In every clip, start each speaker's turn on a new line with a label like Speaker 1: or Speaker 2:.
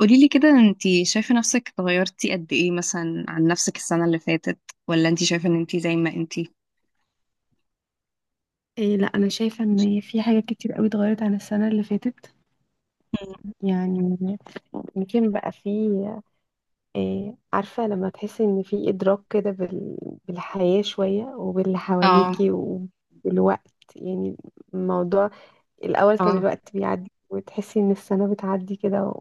Speaker 1: قولي لي كده، انتي شايفة نفسك اتغيرتي قد ايه مثلا عن نفسك السنة اللي فاتت، ولا انتي شايفة ان انتي زي ما انتي؟
Speaker 2: لا انا شايفه ان في حاجات كتير قوي اتغيرت عن السنه اللي فاتت.
Speaker 1: مم.
Speaker 2: يعني يمكن بقى في، إيه عارفه، لما تحسي ان في ادراك كده بالحياه شويه وباللي
Speaker 1: اه،
Speaker 2: حواليكي وبالوقت. يعني الموضوع الاول كان
Speaker 1: اه.
Speaker 2: الوقت بيعدي وتحسي ان السنه بتعدي كده،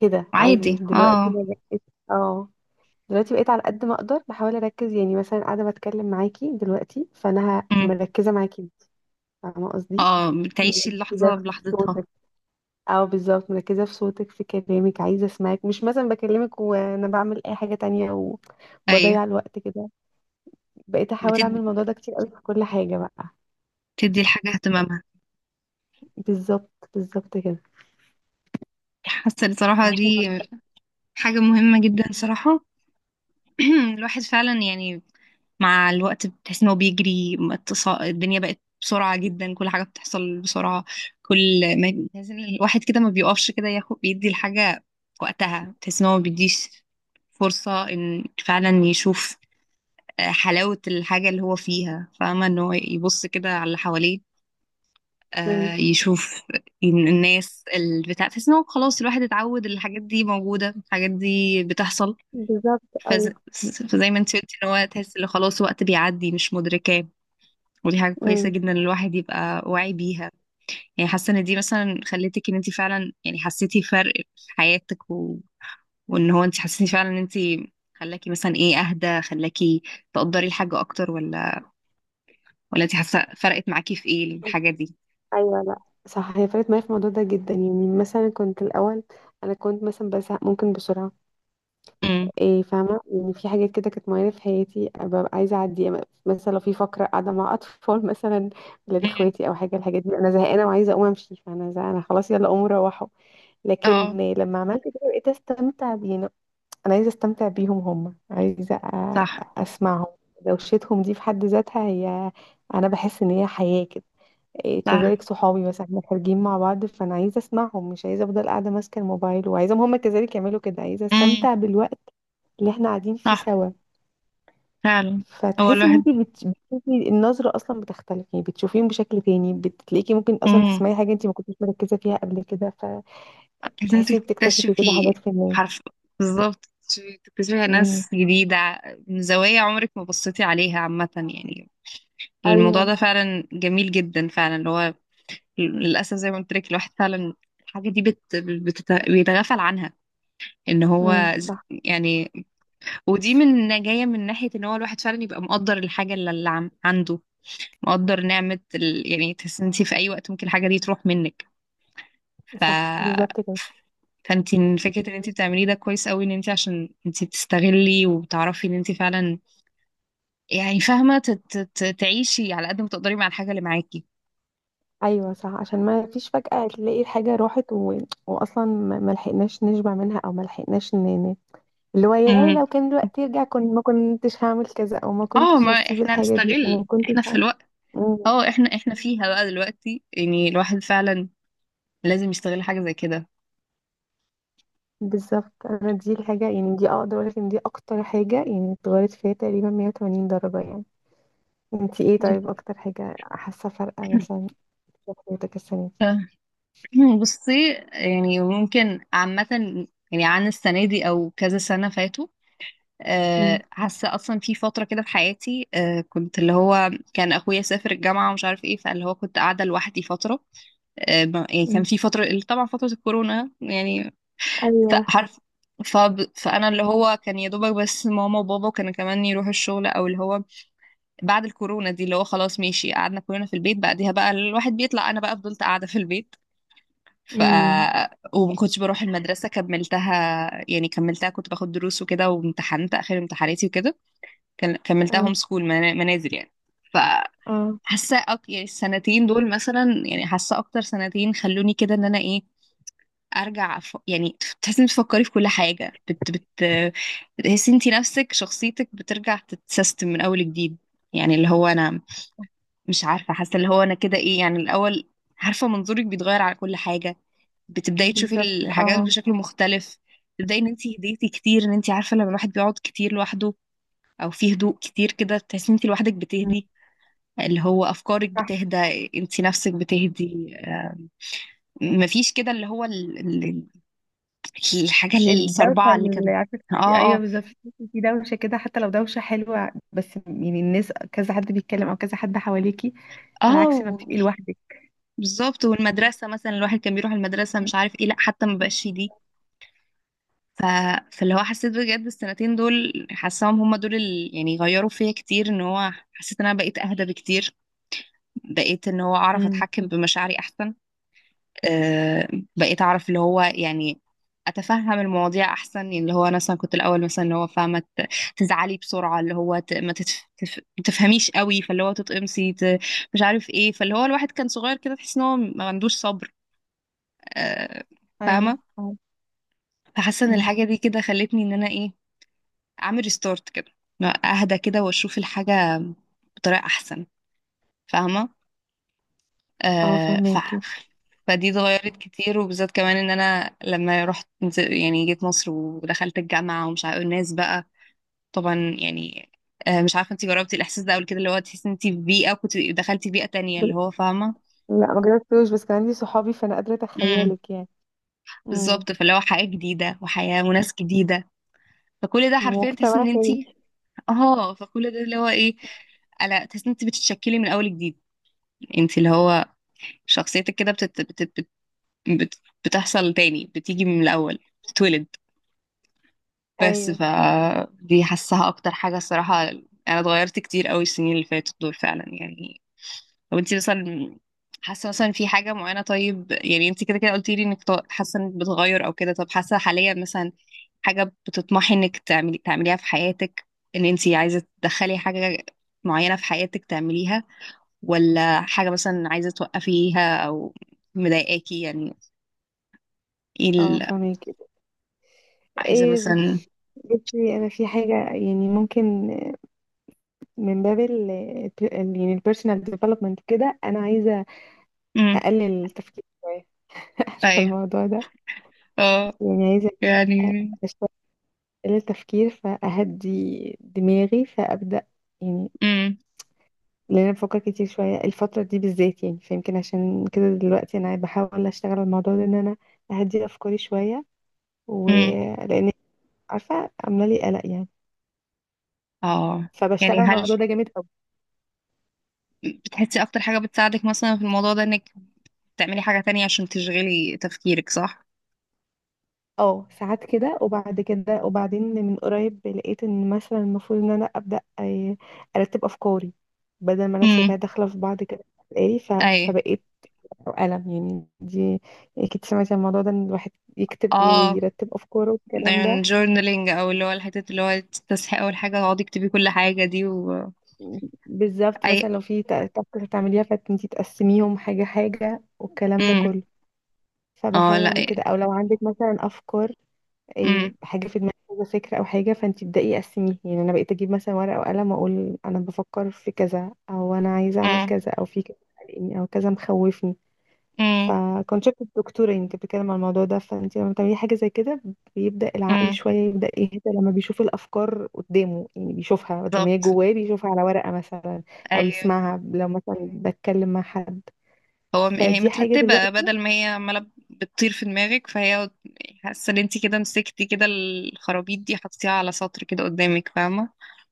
Speaker 2: كده
Speaker 1: عادي،
Speaker 2: عادي. دلوقتي
Speaker 1: اه.
Speaker 2: أنا بقيت، اه دلوقتي بقيت على قد ما اقدر بحاول اركز. يعني مثلا قاعده بتكلم معاكي دلوقتي، فانا
Speaker 1: مم.
Speaker 2: مركزه معاكي، فاهمه قصدي؟
Speaker 1: اه، بتعيشي
Speaker 2: مركزه
Speaker 1: اللحظة
Speaker 2: في
Speaker 1: بلحظتها.
Speaker 2: صوتك، او بالظبط مركزه في صوتك في كلامك، عايزه اسمعك، مش مثلا بكلمك وانا بعمل اي حاجه تانية
Speaker 1: ايوه.
Speaker 2: وبضيع الوقت كده. بقيت احاول اعمل
Speaker 1: بتد...
Speaker 2: الموضوع ده كتير قوي في كل حاجه بقى.
Speaker 1: بتدي الحاجة اهتمامها.
Speaker 2: بالظبط، بالظبط كده.
Speaker 1: حاسة بصراحة
Speaker 2: عشان،
Speaker 1: دي حاجة مهمة جدا صراحة. الواحد فعلا يعني مع الوقت بتحس ان هو بيجري الدنيا بقت بسرعة جدا، كل حاجة بتحصل بسرعة. كل ما بتحس ان الواحد كده ما بيقفش كده ياخد بيدي الحاجة وقتها، بتحس ان هو ما بيديش فرصة ان فعلا يشوف حلاوة الحاجة اللي هو فيها، فاهمة؟ ان هو يبص كده على اللي حواليه،
Speaker 2: امم،
Speaker 1: يشوف إن الناس البتاع، تحس ان هو خلاص الواحد اتعود الحاجات دي موجودة، الحاجات دي بتحصل.
Speaker 2: بالظبط.
Speaker 1: فز...
Speaker 2: ايوه،
Speaker 1: فزي ما انت قلتي ان هو تحس ان خلاص وقت بيعدي مش مدركاه، ودي حاجة كويسة
Speaker 2: امم.
Speaker 1: جدا إن الواحد يبقى واعي بيها. يعني حاسة ان دي مثلا خلتك ان انت فعلا يعني حسيتي فرق في حياتك وان هو انت حسيتي فعلا ان انت خلاكي مثلا ايه، اهدى، خلاكي تقدري الحاجة اكتر، ولا انت حاسة فرقت معاكي في ايه الحاجة دي؟
Speaker 2: ايوه لا، صح، هي فرقت معايا في الموضوع ده جدا. يعني مثلا كنت الاول، انا كنت مثلا بزهق ممكن بسرعه.
Speaker 1: امم
Speaker 2: فاهمة، يعني في حاجات كده كانت معينة في حياتي ببقى عايزة أعدي. مثلا لو في فقرة قاعدة مع أطفال مثلا، ولاد
Speaker 1: امم
Speaker 2: إخواتي أو حاجة، الحاجات دي أنا زهقانة وعايزة أقوم أمشي، فأنا زهقانة خلاص يلا قوموا روحوا.
Speaker 1: اه،
Speaker 2: لكن لما عملت كده بقيت أستمتع بينا. أنا عايزة أستمتع بيهم، هم عايزة
Speaker 1: صح،
Speaker 2: أسمعهم. دوشتهم دي في حد ذاتها هي، أنا بحس إن هي حياة كده.
Speaker 1: صح.
Speaker 2: كذلك صحابي مثلا احنا خارجين مع بعض، فانا عايزه اسمعهم، مش عايزه افضل قاعده ماسكه الموبايل، وعايزاهم هم كذلك يعملوا كده. عايزه
Speaker 1: امم.
Speaker 2: استمتع بالوقت اللي احنا قاعدين فيه
Speaker 1: صح
Speaker 2: سوا.
Speaker 1: فعلا. هو
Speaker 2: فتحسي ان
Speaker 1: الواحد.
Speaker 2: انت بتشوفي النظره اصلا بتختلف، يعني بتشوفيهم بشكل تاني، بتلاقيكي ممكن اصلا
Speaker 1: امم.
Speaker 2: تسمعي حاجه انت ما كنتيش مركزه فيها قبل كده.
Speaker 1: لازم
Speaker 2: فتحسي بتكتشفي كده
Speaker 1: تكتشفي.
Speaker 2: حاجات في الناس.
Speaker 1: حرف. بالظبط. تكتشفي
Speaker 2: امم،
Speaker 1: ناس جديدة، من زوايا عمرك ما بصيتي عليها عامة يعني. الموضوع
Speaker 2: ايوه،
Speaker 1: ده فعلا جميل جدا فعلا اللي هو، للأسف زي ما قلت لك، الواحد فعلا الحاجة دي بيتغافل عنها. ان
Speaker 2: امم،
Speaker 1: هو ز-
Speaker 2: صح،
Speaker 1: يعني، ودي من جاية من ناحية ان هو الواحد فعلا يبقى مقدر الحاجة اللي عنده، مقدر نعمة يعني تحس انت في اي وقت ممكن الحاجة دي تروح منك. ف،
Speaker 2: صح بالظبط كده.
Speaker 1: فانت فكرة ان انت بتعمليه ده كويس قوي، ان انت عشان انت بتستغلي وبتعرفي ان انت فعلا يعني فاهمة، تعيشي على قد ما تقدري مع الحاجة اللي معاكي.
Speaker 2: ايوه صح، عشان ما فيش فجأة تلاقي الحاجه راحت واصلا ما لحقناش نشبع منها، او ما لحقناش اللي هو، يا لو كان الوقت يرجع كنت ما كنتش هعمل كذا، او ما
Speaker 1: اه،
Speaker 2: كنتش
Speaker 1: ما
Speaker 2: هسيب
Speaker 1: احنا
Speaker 2: الحاجة دي، او ما
Speaker 1: هنستغل
Speaker 2: كنتش
Speaker 1: احنا في
Speaker 2: هعمل.
Speaker 1: الوقت.
Speaker 2: مم.
Speaker 1: اه، احنا فيها بقى دلوقتي، يعني الواحد فعلا لازم يستغل حاجة زي كده.
Speaker 2: بالظبط. انا دي الحاجة، يعني دي اقدر اقول لك ان دي اكتر حاجة يعني اتغيرت فيها تقريبا 180 درجة يعني. انتي ايه
Speaker 1: ممكن.
Speaker 2: طيب، اكتر حاجة حاسة فرقة مثلا في حياتك السنة دي؟
Speaker 1: ف- بصي يعني ممكن عامة، يعني عن السنة دي أو كذا سنة فاتوا.
Speaker 2: مم.
Speaker 1: آه، حاسة أصلا في فترة كده في حياتي، كنت اللي هو كان أخويا سافر الجامعة ومش عارف إيه، فاللي هو كنت قاعدة لوحدي فترة. آه، يعني كان
Speaker 2: مم.
Speaker 1: في فترة، طبعا فترة الكورونا يعني.
Speaker 2: ايوه.
Speaker 1: فعارف، ف... فانا اللي هو كان يا دوبك بس ماما وبابا كانوا كمان يروحوا الشغل، او اللي هو بعد الكورونا دي اللي هو خلاص ماشي، قعدنا كلنا في البيت، بعديها بقى الواحد بيطلع، انا بقى فضلت قاعده في البيت. ف،
Speaker 2: امم.
Speaker 1: وما كنتش بروح المدرسه، كملتها يعني، كملتها كنت باخد دروس وكده، وامتحنت اخر امتحاناتي وكده. كملتها هوم
Speaker 2: اه.
Speaker 1: سكول، منازل يعني. ف،
Speaker 2: اه
Speaker 1: حاسه يعني السنتين دول مثلا، يعني حاسه اكتر سنتين خلوني كده، ان انا ايه ارجع يعني تحسي انك بتفكري في كل حاجه بت بت تحسي انت نفسك شخصيتك بترجع تتسيستم من اول جديد. يعني اللي هو انا، مش عارفه، حاسه اللي هو انا كده ايه، يعني الاول عارفه منظورك بيتغير على كل حاجه، بتبداي تشوفي
Speaker 2: بالظبط.
Speaker 1: الحاجات
Speaker 2: اه.
Speaker 1: بشكل مختلف. تبداي ان انت هديتي كتير، ان انت عارفه لما الواحد بيقعد كتير لوحده، او في هدوء كتير كده، تحسي ان انت لوحدك
Speaker 2: مم.
Speaker 1: بتهدي. اللي هو افكارك بتهدى، انت نفسك بتهدي. مفيش كده اللي هو الحاجة
Speaker 2: الدوشة،
Speaker 1: الصربعة اللي
Speaker 2: اللي
Speaker 1: كان.
Speaker 2: عارفة تحسي،
Speaker 1: اه،
Speaker 2: أيوة
Speaker 1: اه.
Speaker 2: بالظبط، تحسي في دوشة كده، حتى لو دوشة حلوة، بس يعني الناس كذا حد بيتكلم أو كذا حد حواليكي،
Speaker 1: اه
Speaker 2: على عكس ما
Speaker 1: و-
Speaker 2: بتبقي لوحدك.
Speaker 1: بالظبط، والمدرسة مثلا، الواحد كان بيروح المدرسة مش عارف ايه، لا حتى ما بقاش دي. ف... فاللي هو حسيت بجد السنتين دول، حاساهم هما دول اللي يعني غيروا فيا كتير، ان هو حسيت ان انا بقيت اهدى بكتير، بقيت ان هو اعرف
Speaker 2: امم.
Speaker 1: اتحكم بمشاعري احسن. آه، بقيت اعرف اللي هو يعني اتفهم المواضيع احسن. يعني اللي هو انا مثلا كنت الاول مثلا اللي هو فاهمه، تزعلي بسرعه، اللي هو ما ما تفهميش قوي، فاللي هو تتقمصي مش عارف ايه. فاللي هو الواحد كان صغير كده، تحس ان هو ما عندوش صبر. آه،
Speaker 2: ايوه.
Speaker 1: فاهمه.
Speaker 2: اه.
Speaker 1: فحاسه ان
Speaker 2: أمم.
Speaker 1: الحاجه دي كده خلتني ان انا ايه، اعمل ريستارت كده، اهدى كده واشوف الحاجه بطريقه احسن، فاهمه؟
Speaker 2: آه،
Speaker 1: آه ف...
Speaker 2: فهماكي.
Speaker 1: فدي اتغيرت كتير. وبالذات كمان ان انا لما يعني جيت مصر ودخلت الجامعه ومش عارفه الناس بقى، طبعا يعني. آه، مش عارفه انت جربتي الاحساس ده قبل كده، اللي هو تحسي انت في بيئه كنت دخلتي بيئه تانية، اللي
Speaker 2: بل-
Speaker 1: هو فاهمه.
Speaker 2: لا ما جربتوش، بس كان عندي صحابي فأنا قادرة
Speaker 1: امم.
Speaker 2: أتخيلك يعني. امم.
Speaker 1: بالظبط، فاللي هو حياه جديده، وحياه وناس جديده، فكل ده حرفيا تحسي
Speaker 2: مجتمع
Speaker 1: ان انت،
Speaker 2: تاني.
Speaker 1: اه، فكل ده اللي هو ايه، لا تحس ان انت بتتشكلي من اول جديد. انت اللي هو شخصيتك كده بتت... بت... بت... بت... بتحصل تاني، بتيجي من الاول، بتتولد. بس
Speaker 2: ايوه،
Speaker 1: ف، دي حاساها اكتر حاجة الصراحة. انا اتغيرت كتير قوي السنين اللي فاتت دول فعلا، يعني. طب انت مثلا، حاسة مثلا في حاجة معينة؟ طيب يعني انت كده كده قلتي لي انك حاسة انك بتغير او كده، طب حاسة حاليا مثلا حاجة بتطمحي انك تعمليها في حياتك؟ ان انت عايزة تدخلي حاجة معينة في حياتك تعمليها، ولا حاجة مثلا عايزة توقفيها او مضايقاكي يعني؟ ايه
Speaker 2: اه فهماكي.
Speaker 1: عايزة
Speaker 2: ايه،
Speaker 1: مثلا.
Speaker 2: بصي انا في حاجه يعني ممكن، من باب يعني البيرسونال ديفلوبمنت كده، انا عايزه
Speaker 1: امم،
Speaker 2: اقلل التفكير شويه. عارفه
Speaker 1: ايوه،
Speaker 2: الموضوع ده.
Speaker 1: اه
Speaker 2: يعني عايزه
Speaker 1: يعني.
Speaker 2: أبقى شوية اقلل التفكير فاهدي دماغي، فابدا يعني،
Speaker 1: امم،
Speaker 2: لان انا بفكر كتير شويه الفتره دي بالذات. يعني فيمكن عشان كده دلوقتي انا بحاول اشتغل على الموضوع ده، ان انا اهدي افكاري شويه،
Speaker 1: امم،
Speaker 2: ولان، عارفه، عامله لي قلق يعني.
Speaker 1: اه.
Speaker 2: فبشتغل
Speaker 1: يعني
Speaker 2: على
Speaker 1: هل
Speaker 2: الموضوع ده جامد قوي.
Speaker 1: بتحسي اكتر حاجة بتساعدك مثلا في الموضوع ده انك بتعملي حاجة تانية عشان تشغلي تفكيرك، صح؟
Speaker 2: اه ساعات كده، وبعد كده وبعدين من قريب لقيت ان مثلا المفروض ان انا ابدا، آه، ارتب افكاري بدل ما انا سايباها
Speaker 1: امم.
Speaker 2: داخله في بعض كده. قالي ف-
Speaker 1: اي.
Speaker 2: فبقيت قلم. يعني دي، يعني اكيد سمعتي عن الموضوع ده، ان الواحد يكتب
Speaker 1: اه،
Speaker 2: ويرتب افكاره
Speaker 1: ده
Speaker 2: والكلام ده.
Speaker 1: يعني جورنالينج، او اللي هو الحتة اللي هو تصحي اول حاجة تقعدي تكتبي كل حاجة دي و،
Speaker 2: بالظبط،
Speaker 1: اي.
Speaker 2: مثلا لو في تاسك هتعمليها، فانتي تقسميهم حاجه حاجه والكلام ده
Speaker 1: امم.
Speaker 2: كله.
Speaker 1: اه،
Speaker 2: فبحاول
Speaker 1: لا.
Speaker 2: اعمل كده. او لو عندك مثلا افكار،
Speaker 1: امم،
Speaker 2: حاجه في دماغك كذا فكره او حاجه، فانت تبداي قسميه. يعني انا بقيت اجيب مثلا ورقه وقلم، واقول انا بفكر في كذا، او انا عايزه اعمل
Speaker 1: امم،
Speaker 2: كذا، او في كذا قلقني، او كذا مخوفني.
Speaker 1: امم.
Speaker 2: فكنت شفت الدكتوره، يعني كانت بتتكلم عن الموضوع ده. فانت لما بتعملي حاجه زي كده، بيبدا العقل
Speaker 1: امم.
Speaker 2: شويه يبدا يهدى لما بيشوف الافكار قدامه، يعني بيشوفها بدل ما هي
Speaker 1: بالظبط.
Speaker 2: جواه، بيشوفها على ورقه مثلا،
Speaker 1: اي.
Speaker 2: او يسمعها لو مثلا بتكلم مع حد.
Speaker 1: هو هي
Speaker 2: فدي حاجه
Speaker 1: مترتبة
Speaker 2: دلوقتي.
Speaker 1: بدل ما هي عمالة بتطير في دماغك، فهي، حاسة ان انتي كده مسكتي كده الخرابيط دي، حطيتيها على سطر كده قدامك، فاهمة؟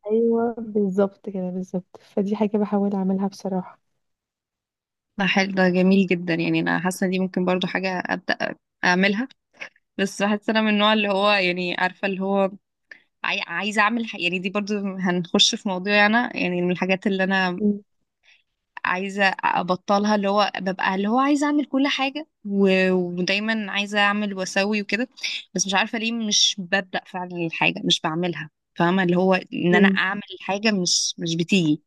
Speaker 2: ايوه بالظبط كده، بالظبط. فدي حاجه بحاول اعملها بصراحه.
Speaker 1: ده حلو، ده جميل جدا. يعني انا حاسه إن دي ممكن برضو حاجه ابدا اعملها. بس بحس انا من النوع اللي هو يعني عارفه اللي هو عايزه اعمل يعني دي برضو هنخش في موضوع، انا يعني من الحاجات اللي انا عايزه ابطلها، اللي هو ببقى اللي هو عايزه اعمل كل حاجه ودايما عايزه اعمل واسوي وكده، بس مش عارفه ليه مش ببدا فعلا، الحاجه مش بعملها. فاهمه اللي هو ان انا
Speaker 2: مم.
Speaker 1: اعمل حاجه، مش بتيجي.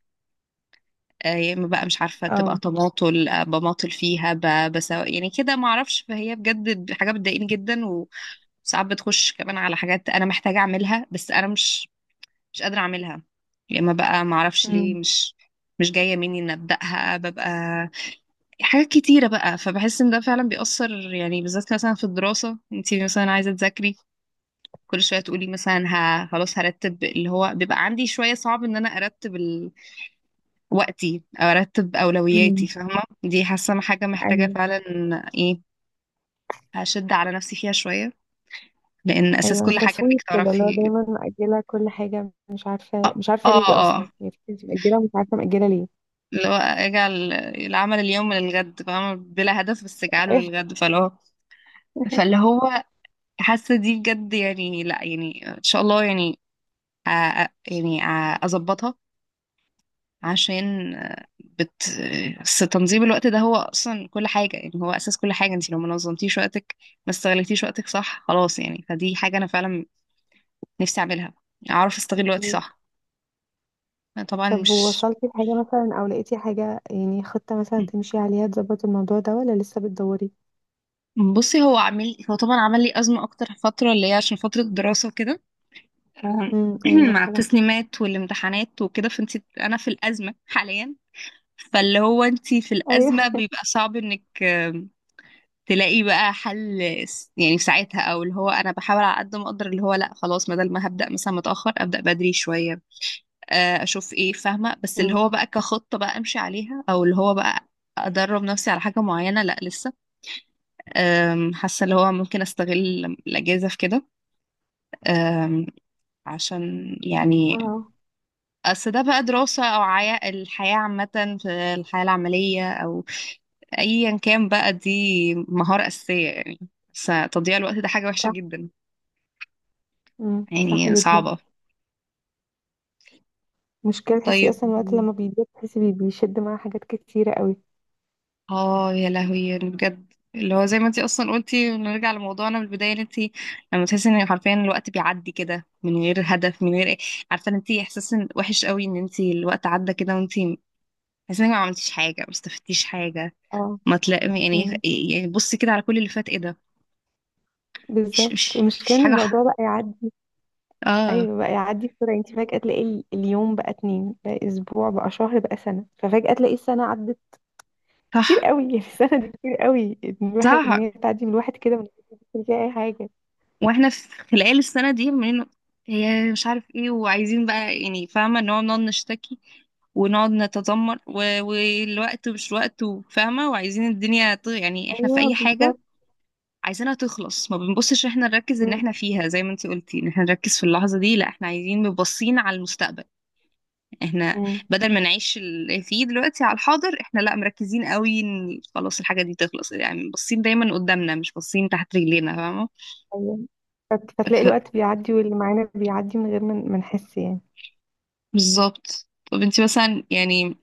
Speaker 1: آه، يا اما بقى مش عارفه تبقى
Speaker 2: اه.
Speaker 1: تماطل، آه، بماطل فيها بسوا يعني كده ما اعرفش. فهي بجد حاجه بتضايقني جدا، وساعات بتخش كمان على حاجات انا محتاجه اعملها، بس انا مش قادره اعملها. يا اما بقى ما اعرفش ليه
Speaker 2: امم.
Speaker 1: مش جايه مني ان ابداها، ببقى حاجات كتيره بقى. فبحس ان ده فعلا بيأثر، يعني بالذات مثلا في الدراسه انت مثلا عايزه تذاكري، كل شويه تقولي مثلا خلاص هرتب. اللي هو بيبقى عندي شويه صعب ان انا ارتب وقتي، ارتب اولوياتي.
Speaker 2: امم.
Speaker 1: فاهمه؟ دي حاسه حاجه محتاجه
Speaker 2: ايوه.
Speaker 1: فعلا ايه، هشد على نفسي فيها شويه، لان اساس
Speaker 2: ايوه
Speaker 1: كل حاجه
Speaker 2: تسويف
Speaker 1: انك
Speaker 2: كده، اللي هو
Speaker 1: تعرفي.
Speaker 2: دايما مأجلة كل حاجة، مش عارفة، مش عارفة
Speaker 1: اه،
Speaker 2: ليه
Speaker 1: اه،
Speaker 2: اصلا. يعني في ناس مأجلة ومش عارفة مأجلة ليه.
Speaker 1: اللي هو اجعل العمل اليوم للغد، فاهمه؟ بلا هدف، بس اجعله للغد. فاللي هو حاسه دي بجد، يعني لا يعني ان شاء الله يعني، أ... أ- يعني أ- اظبطها، عشان آه، بس تنظيم الوقت ده هو اصلا كل حاجه، يعني هو اساس كل حاجه. انت لو ما نظمتيش وقتك، ما استغلتيش وقتك صح، خلاص يعني. فدي حاجه انا فعلا نفسي اعملها، اعرف استغل وقتي
Speaker 2: أيوة.
Speaker 1: صح. أنا طبعا
Speaker 2: طب
Speaker 1: مش،
Speaker 2: ووصلتي لحاجة مثلا، او لقيتي حاجة يعني خطة مثلا تمشي عليها تظبط الموضوع ده، ولا لسه بتدوري؟
Speaker 1: م. بصي هو عامل، هو طبعا عمل لي ازمه اكتر فتره اللي هي عشان فتره الدراسه وكده، آه،
Speaker 2: امم. ايوه
Speaker 1: مع
Speaker 2: طبعا.
Speaker 1: التسليمات والامتحانات وكده، فانت انا في الازمه حاليا، فاللي هو انت في
Speaker 2: ايوه.
Speaker 1: الازمه بيبقى صعب انك تلاقي بقى حل، يعني في ساعتها. او اللي هو انا بحاول على قد ما اقدر، اللي هو لا خلاص بدل ما هبدا مثلا متاخر ابدا بدري شويه، آه، اشوف ايه، فاهمه؟ بس اللي
Speaker 2: امم.
Speaker 1: هو بقى كخطه بقى امشي عليها او اللي هو بقى ادرب نفسي على حاجه معينه، لا لسه. آم، حاسه اللي هو ممكن استغل الاجازه في كده. آم، عشان يعني
Speaker 2: اه
Speaker 1: اصل ده بقى دراسه، او عيا الحياه عامه، في الحياه العمليه، او ايا كان بقى، دي مهاره اساسيه يعني، بس تضييع الوقت ده حاجه وحشه
Speaker 2: صح.
Speaker 1: جدا.
Speaker 2: امم، صح
Speaker 1: يعني
Speaker 2: جدا.
Speaker 1: صعبة.
Speaker 2: مشكلة، تحسي
Speaker 1: طيب.
Speaker 2: اصلا الوقت لما بيضيق تحسي بيشد معاه حاجات كتيرة قوي.
Speaker 1: اه، يا لهوي يعني بجد، اللي هو زي ما انتي اصلا قلتي نرجع لموضوعنا من البداية، ان انتي لما تحسي ان حرفيا الوقت بيعدي كده من غير هدف، من غير ايه، عارفة ان انتي احساس وحش قوي ان انتي الوقت عدى كده، وانتي حاسة انك ما عملتيش حاجة، ما استفدتيش حاجة،
Speaker 2: اه.
Speaker 1: ما تلاقي يعني
Speaker 2: امم.
Speaker 1: يعني بصي كده على كل اللي فات ايه ده. مش
Speaker 2: بالظبط،
Speaker 1: مش مش
Speaker 2: المشكلة ان
Speaker 1: حاجة
Speaker 2: الموضوع بقى يعدي.
Speaker 1: اه،
Speaker 2: ايوه، بقى يعدي بسرعه. انت فجاه تلاقي اليوم بقى اتنين، بقى اسبوع، بقى شهر، بقى سنه. ففجاه تلاقي السنه عدت كتير
Speaker 1: صح،
Speaker 2: قوي. يعني السنه دي كتير قوي، إن الواحد، ان
Speaker 1: صح.
Speaker 2: هي تعدي من الواحد كده من غير ما يحس إن فيها اي حاجه.
Speaker 1: واحنا في خلال السنة دي من، هي مش عارف ايه، وعايزين بقى يعني، فاهمة ان هو بنقعد نشتكي ونقعد نتذمر والوقت مش وقت، وفاهمة وعايزين الدنيا يعني احنا في
Speaker 2: ايوه
Speaker 1: اي حاجة
Speaker 2: بالظبط.
Speaker 1: عايزينها تخلص، ما بنبصش احنا نركز ان
Speaker 2: مم.
Speaker 1: احنا فيها، زي ما انتي قلتي ان احنا نركز في اللحظة دي. لا، احنا عايزين مبصين على المستقبل، احنا
Speaker 2: مم.
Speaker 1: بدل ما نعيش اللي فيه دلوقتي على الحاضر، احنا لا مركزين قوي ان خلاص الحاجة دي تخلص، يعني باصين دايما قدامنا، مش باصين تحت رجلينا، فاهمة؟
Speaker 2: ايوه. فتلاقي الوقت بيعدي واللي معانا بيعدي من غير ما نحس يعني.
Speaker 1: بالظبط. طب انت مثلا يعني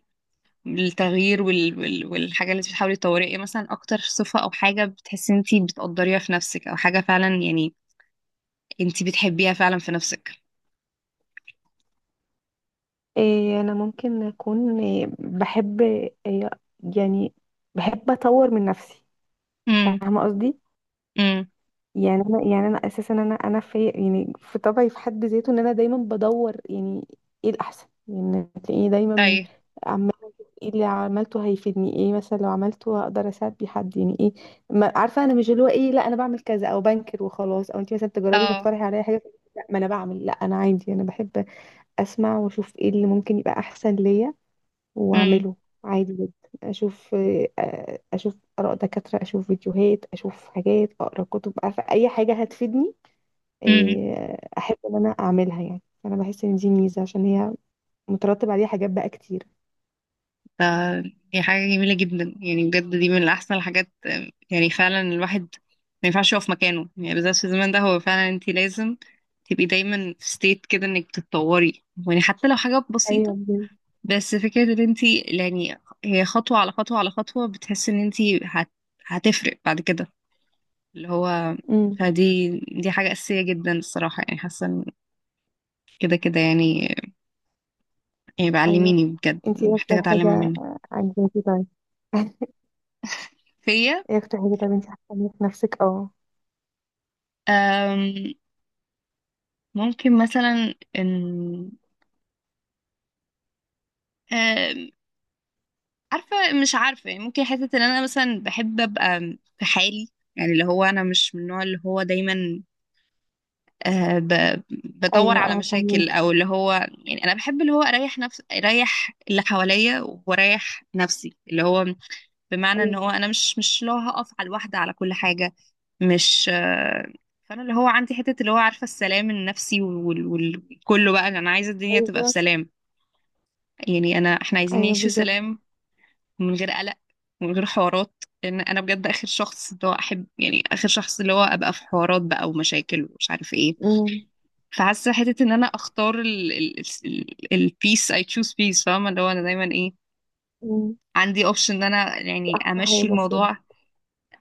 Speaker 1: التغيير والحاجة اللي انت بتحاولي تطوريها ايه مثلا؟ اكتر صفة او حاجة بتحسي انت بتقدريها في نفسك، او حاجة فعلا يعني انت بتحبيها فعلا في نفسك.
Speaker 2: إيه، انا ممكن اكون، إيه، بحب، إيه، يعني بحب اطور من نفسي،
Speaker 1: امم
Speaker 2: فاهمه قصدي؟
Speaker 1: امم
Speaker 2: يعني انا اساسا، انا في، يعني في طبعي في حد ذاته، ان انا دايما بدور يعني ايه الاحسن. يعني تلاقيني دايما
Speaker 1: ايوه،
Speaker 2: عماله أشوف ايه اللي عملته هيفيدني، ايه مثلا لو عملته هقدر اساعد بيه حد، يعني ايه. ما عارفه انا مش اللي هو، ايه، لا انا بعمل كذا او بنكر وخلاص. او انت مثلا تجربي
Speaker 1: اه،
Speaker 2: تقترحي عليا حاجه، لا، ما انا بعمل، لا انا عادي، انا بحب اسمع واشوف ايه اللي ممكن يبقى احسن ليا
Speaker 1: امم
Speaker 2: واعمله. عادي جدا، اشوف، آه، اشوف اراء دكاتره، اشوف فيديوهات، اشوف حاجات، اقرا كتب، عارفه اي حاجه هتفيدني،
Speaker 1: امم
Speaker 2: آه، احب ان انا اعملها. يعني انا بحس ان دي ميزه، عشان هي مترتب عليها حاجات بقى كتير.
Speaker 1: ده، دي حاجة جميلة جدا يعني بجد، دي من احسن الحاجات. آم، يعني فعلا الواحد ما ينفعش يقف مكانه، يعني بالذات في الزمن ده، هو فعلا انت لازم تبقي دايما في ستيت كده انك بتتطوري، يعني حتى لو حاجة
Speaker 2: ايوه
Speaker 1: بسيطة،
Speaker 2: بجد.
Speaker 1: بس فكرة ان انت يعني هي خطوة على خطوة على خطوة، بتحس ان انت هت... هتفرق بعد كده اللي هو،
Speaker 2: امم.
Speaker 1: فدي حاجة أساسية جدا الصراحة. يعني حاسة إن كده كده يعني، يعني
Speaker 2: ايوه.
Speaker 1: بعلميني بجد
Speaker 2: انتي ايه
Speaker 1: محتاجة
Speaker 2: اكتر
Speaker 1: أتعلمها
Speaker 2: حاجه،
Speaker 1: منك،
Speaker 2: آه، عجباكي طيب؟
Speaker 1: فيا.
Speaker 2: ايه اكتر حاجه طيب انتي حاسه إن في نفسك؟ اه.
Speaker 1: أم، ممكن مثلا ان، أم، عارفة، مش عارفة يعني، ممكن حتة ان انا مثلا بحب ابقى في حالي، يعني اللي هو انا مش من النوع اللي هو دايما آه، بدور
Speaker 2: ايوه.
Speaker 1: على
Speaker 2: اه
Speaker 1: مشاكل
Speaker 2: فهميكي.
Speaker 1: او اللي هو، يعني انا بحب اللي هو اريح نفس، اريح اللي حواليا واريح نفسي، اللي هو بمعنى ان هو
Speaker 2: ايوه.
Speaker 1: انا مش اللي هو هقف على الواحده على كل حاجه، مش آه، فانا اللي هو عندي حته اللي هو عارفه السلام النفسي، وكله بقى انا عايزه الدنيا تبقى
Speaker 2: ايوه.
Speaker 1: في سلام، يعني انا احنا عايزين
Speaker 2: ايوه
Speaker 1: نعيش في
Speaker 2: بالظبط.
Speaker 1: سلام، من غير قلق، من غير حوارات، لان انا بجد اخر شخص اللي هو احب، يعني اخر شخص اللي هو ابقى في حوارات بقى ومشاكل ومش عارف ايه.
Speaker 2: امم.
Speaker 1: فحاسه حته ان انا اختار البيس، اي تشوز بيس، فاهمه؟ اللي هو انا دايما ايه،
Speaker 2: امم.
Speaker 1: عندي اوبشن ان انا
Speaker 2: دي
Speaker 1: يعني
Speaker 2: احلى
Speaker 1: امشي
Speaker 2: حاجه بجد.
Speaker 1: الموضوع،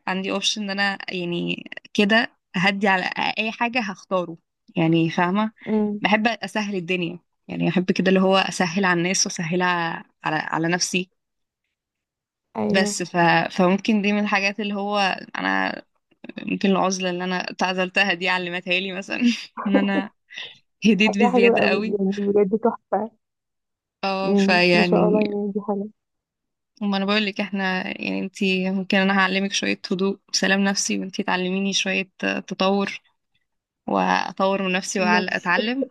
Speaker 1: عندي اوبشن ان انا يعني كده هدي، على اي حاجه هختاره يعني، فاهمه؟
Speaker 2: امم.
Speaker 1: بحب اسهل الدنيا، يعني بحب كده اللي هو اسهل على الناس واسهل على نفسي. بس
Speaker 2: ايوه.
Speaker 1: ف... فممكن دي من الحاجات اللي هو انا، ممكن العزله اللي انا اتعزلتها دي علمتها لي مثلا ان انا هديت
Speaker 2: حاجة حلوة
Speaker 1: بزياده
Speaker 2: قوي دي،
Speaker 1: قوي.
Speaker 2: يعني بجد تحفة.
Speaker 1: اه،
Speaker 2: ما شاء الله،
Speaker 1: فيعني
Speaker 2: يعني دي حاجة.
Speaker 1: وما انا بقول لك احنا يعني، انتي ممكن، انا هعلمك شوية هدوء وسلام نفسي، وانتي تعلميني شوية تطور، واطور من نفسي
Speaker 2: ماشي.
Speaker 1: واتعلم،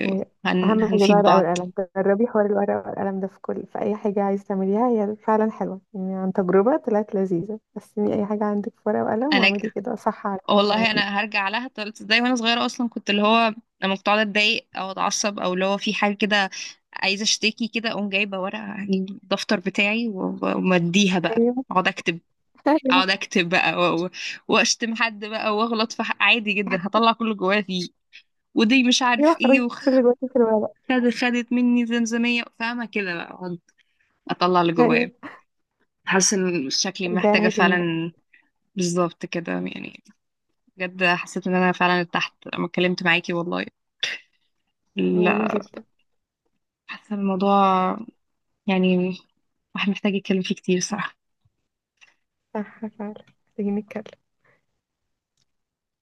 Speaker 2: أيوة. أهم حاجة بقى الورقة
Speaker 1: بعض.
Speaker 2: والقلم. جربي حوار الورقة والقلم ده في كل، في أي حاجة عايز تعمليها. هي فعلا حلوة يعني، عن تجربة طلعت لذيذة. قسمي أي حاجة عندك في ورقة وقلم
Speaker 1: انا ج-
Speaker 2: واعملي كده صح على
Speaker 1: والله
Speaker 2: تعملي.
Speaker 1: انا هرجع لها، طلعت ازاي وانا صغيرة اصلا، كنت اللي هو لما كنت اقعد اتضايق او اتعصب، او اللي هو في حاجة كده عايزة اشتكي كده، اقوم جايبة ورقة، هجيب الدفتر بتاعي ومديها بقى،
Speaker 2: أيوه.
Speaker 1: اقعد اكتب،
Speaker 2: أيوه.
Speaker 1: اقعد اكتب بقى واشتم حد بقى، واغلط في حق عادي جدا، هطلع كله جوايا فيه، ودي مش
Speaker 2: أيوه،
Speaker 1: عارف ايه.
Speaker 2: خرجي كل اللي
Speaker 1: وخدت
Speaker 2: جواكي في الورقة.
Speaker 1: خدت مني زمزمية فاهمة كده، بقى أقعد اطلع اللي جوايا.
Speaker 2: أيوه.
Speaker 1: حاسة ان شكلي
Speaker 2: ارجعي
Speaker 1: محتاجة
Speaker 2: لها تاني بقى.
Speaker 1: فعلا، بالظبط كده يعني. بجد حسيت ان انا فعلا ارتحت لما اتكلمت معاكي والله.
Speaker 2: وأنا
Speaker 1: لا،
Speaker 2: جدا.
Speaker 1: حاسة الموضوع يعني، واحد محتاج يتكلم فيه كتير صراحة.
Speaker 2: صح فعلا، محتاجين نتكلم.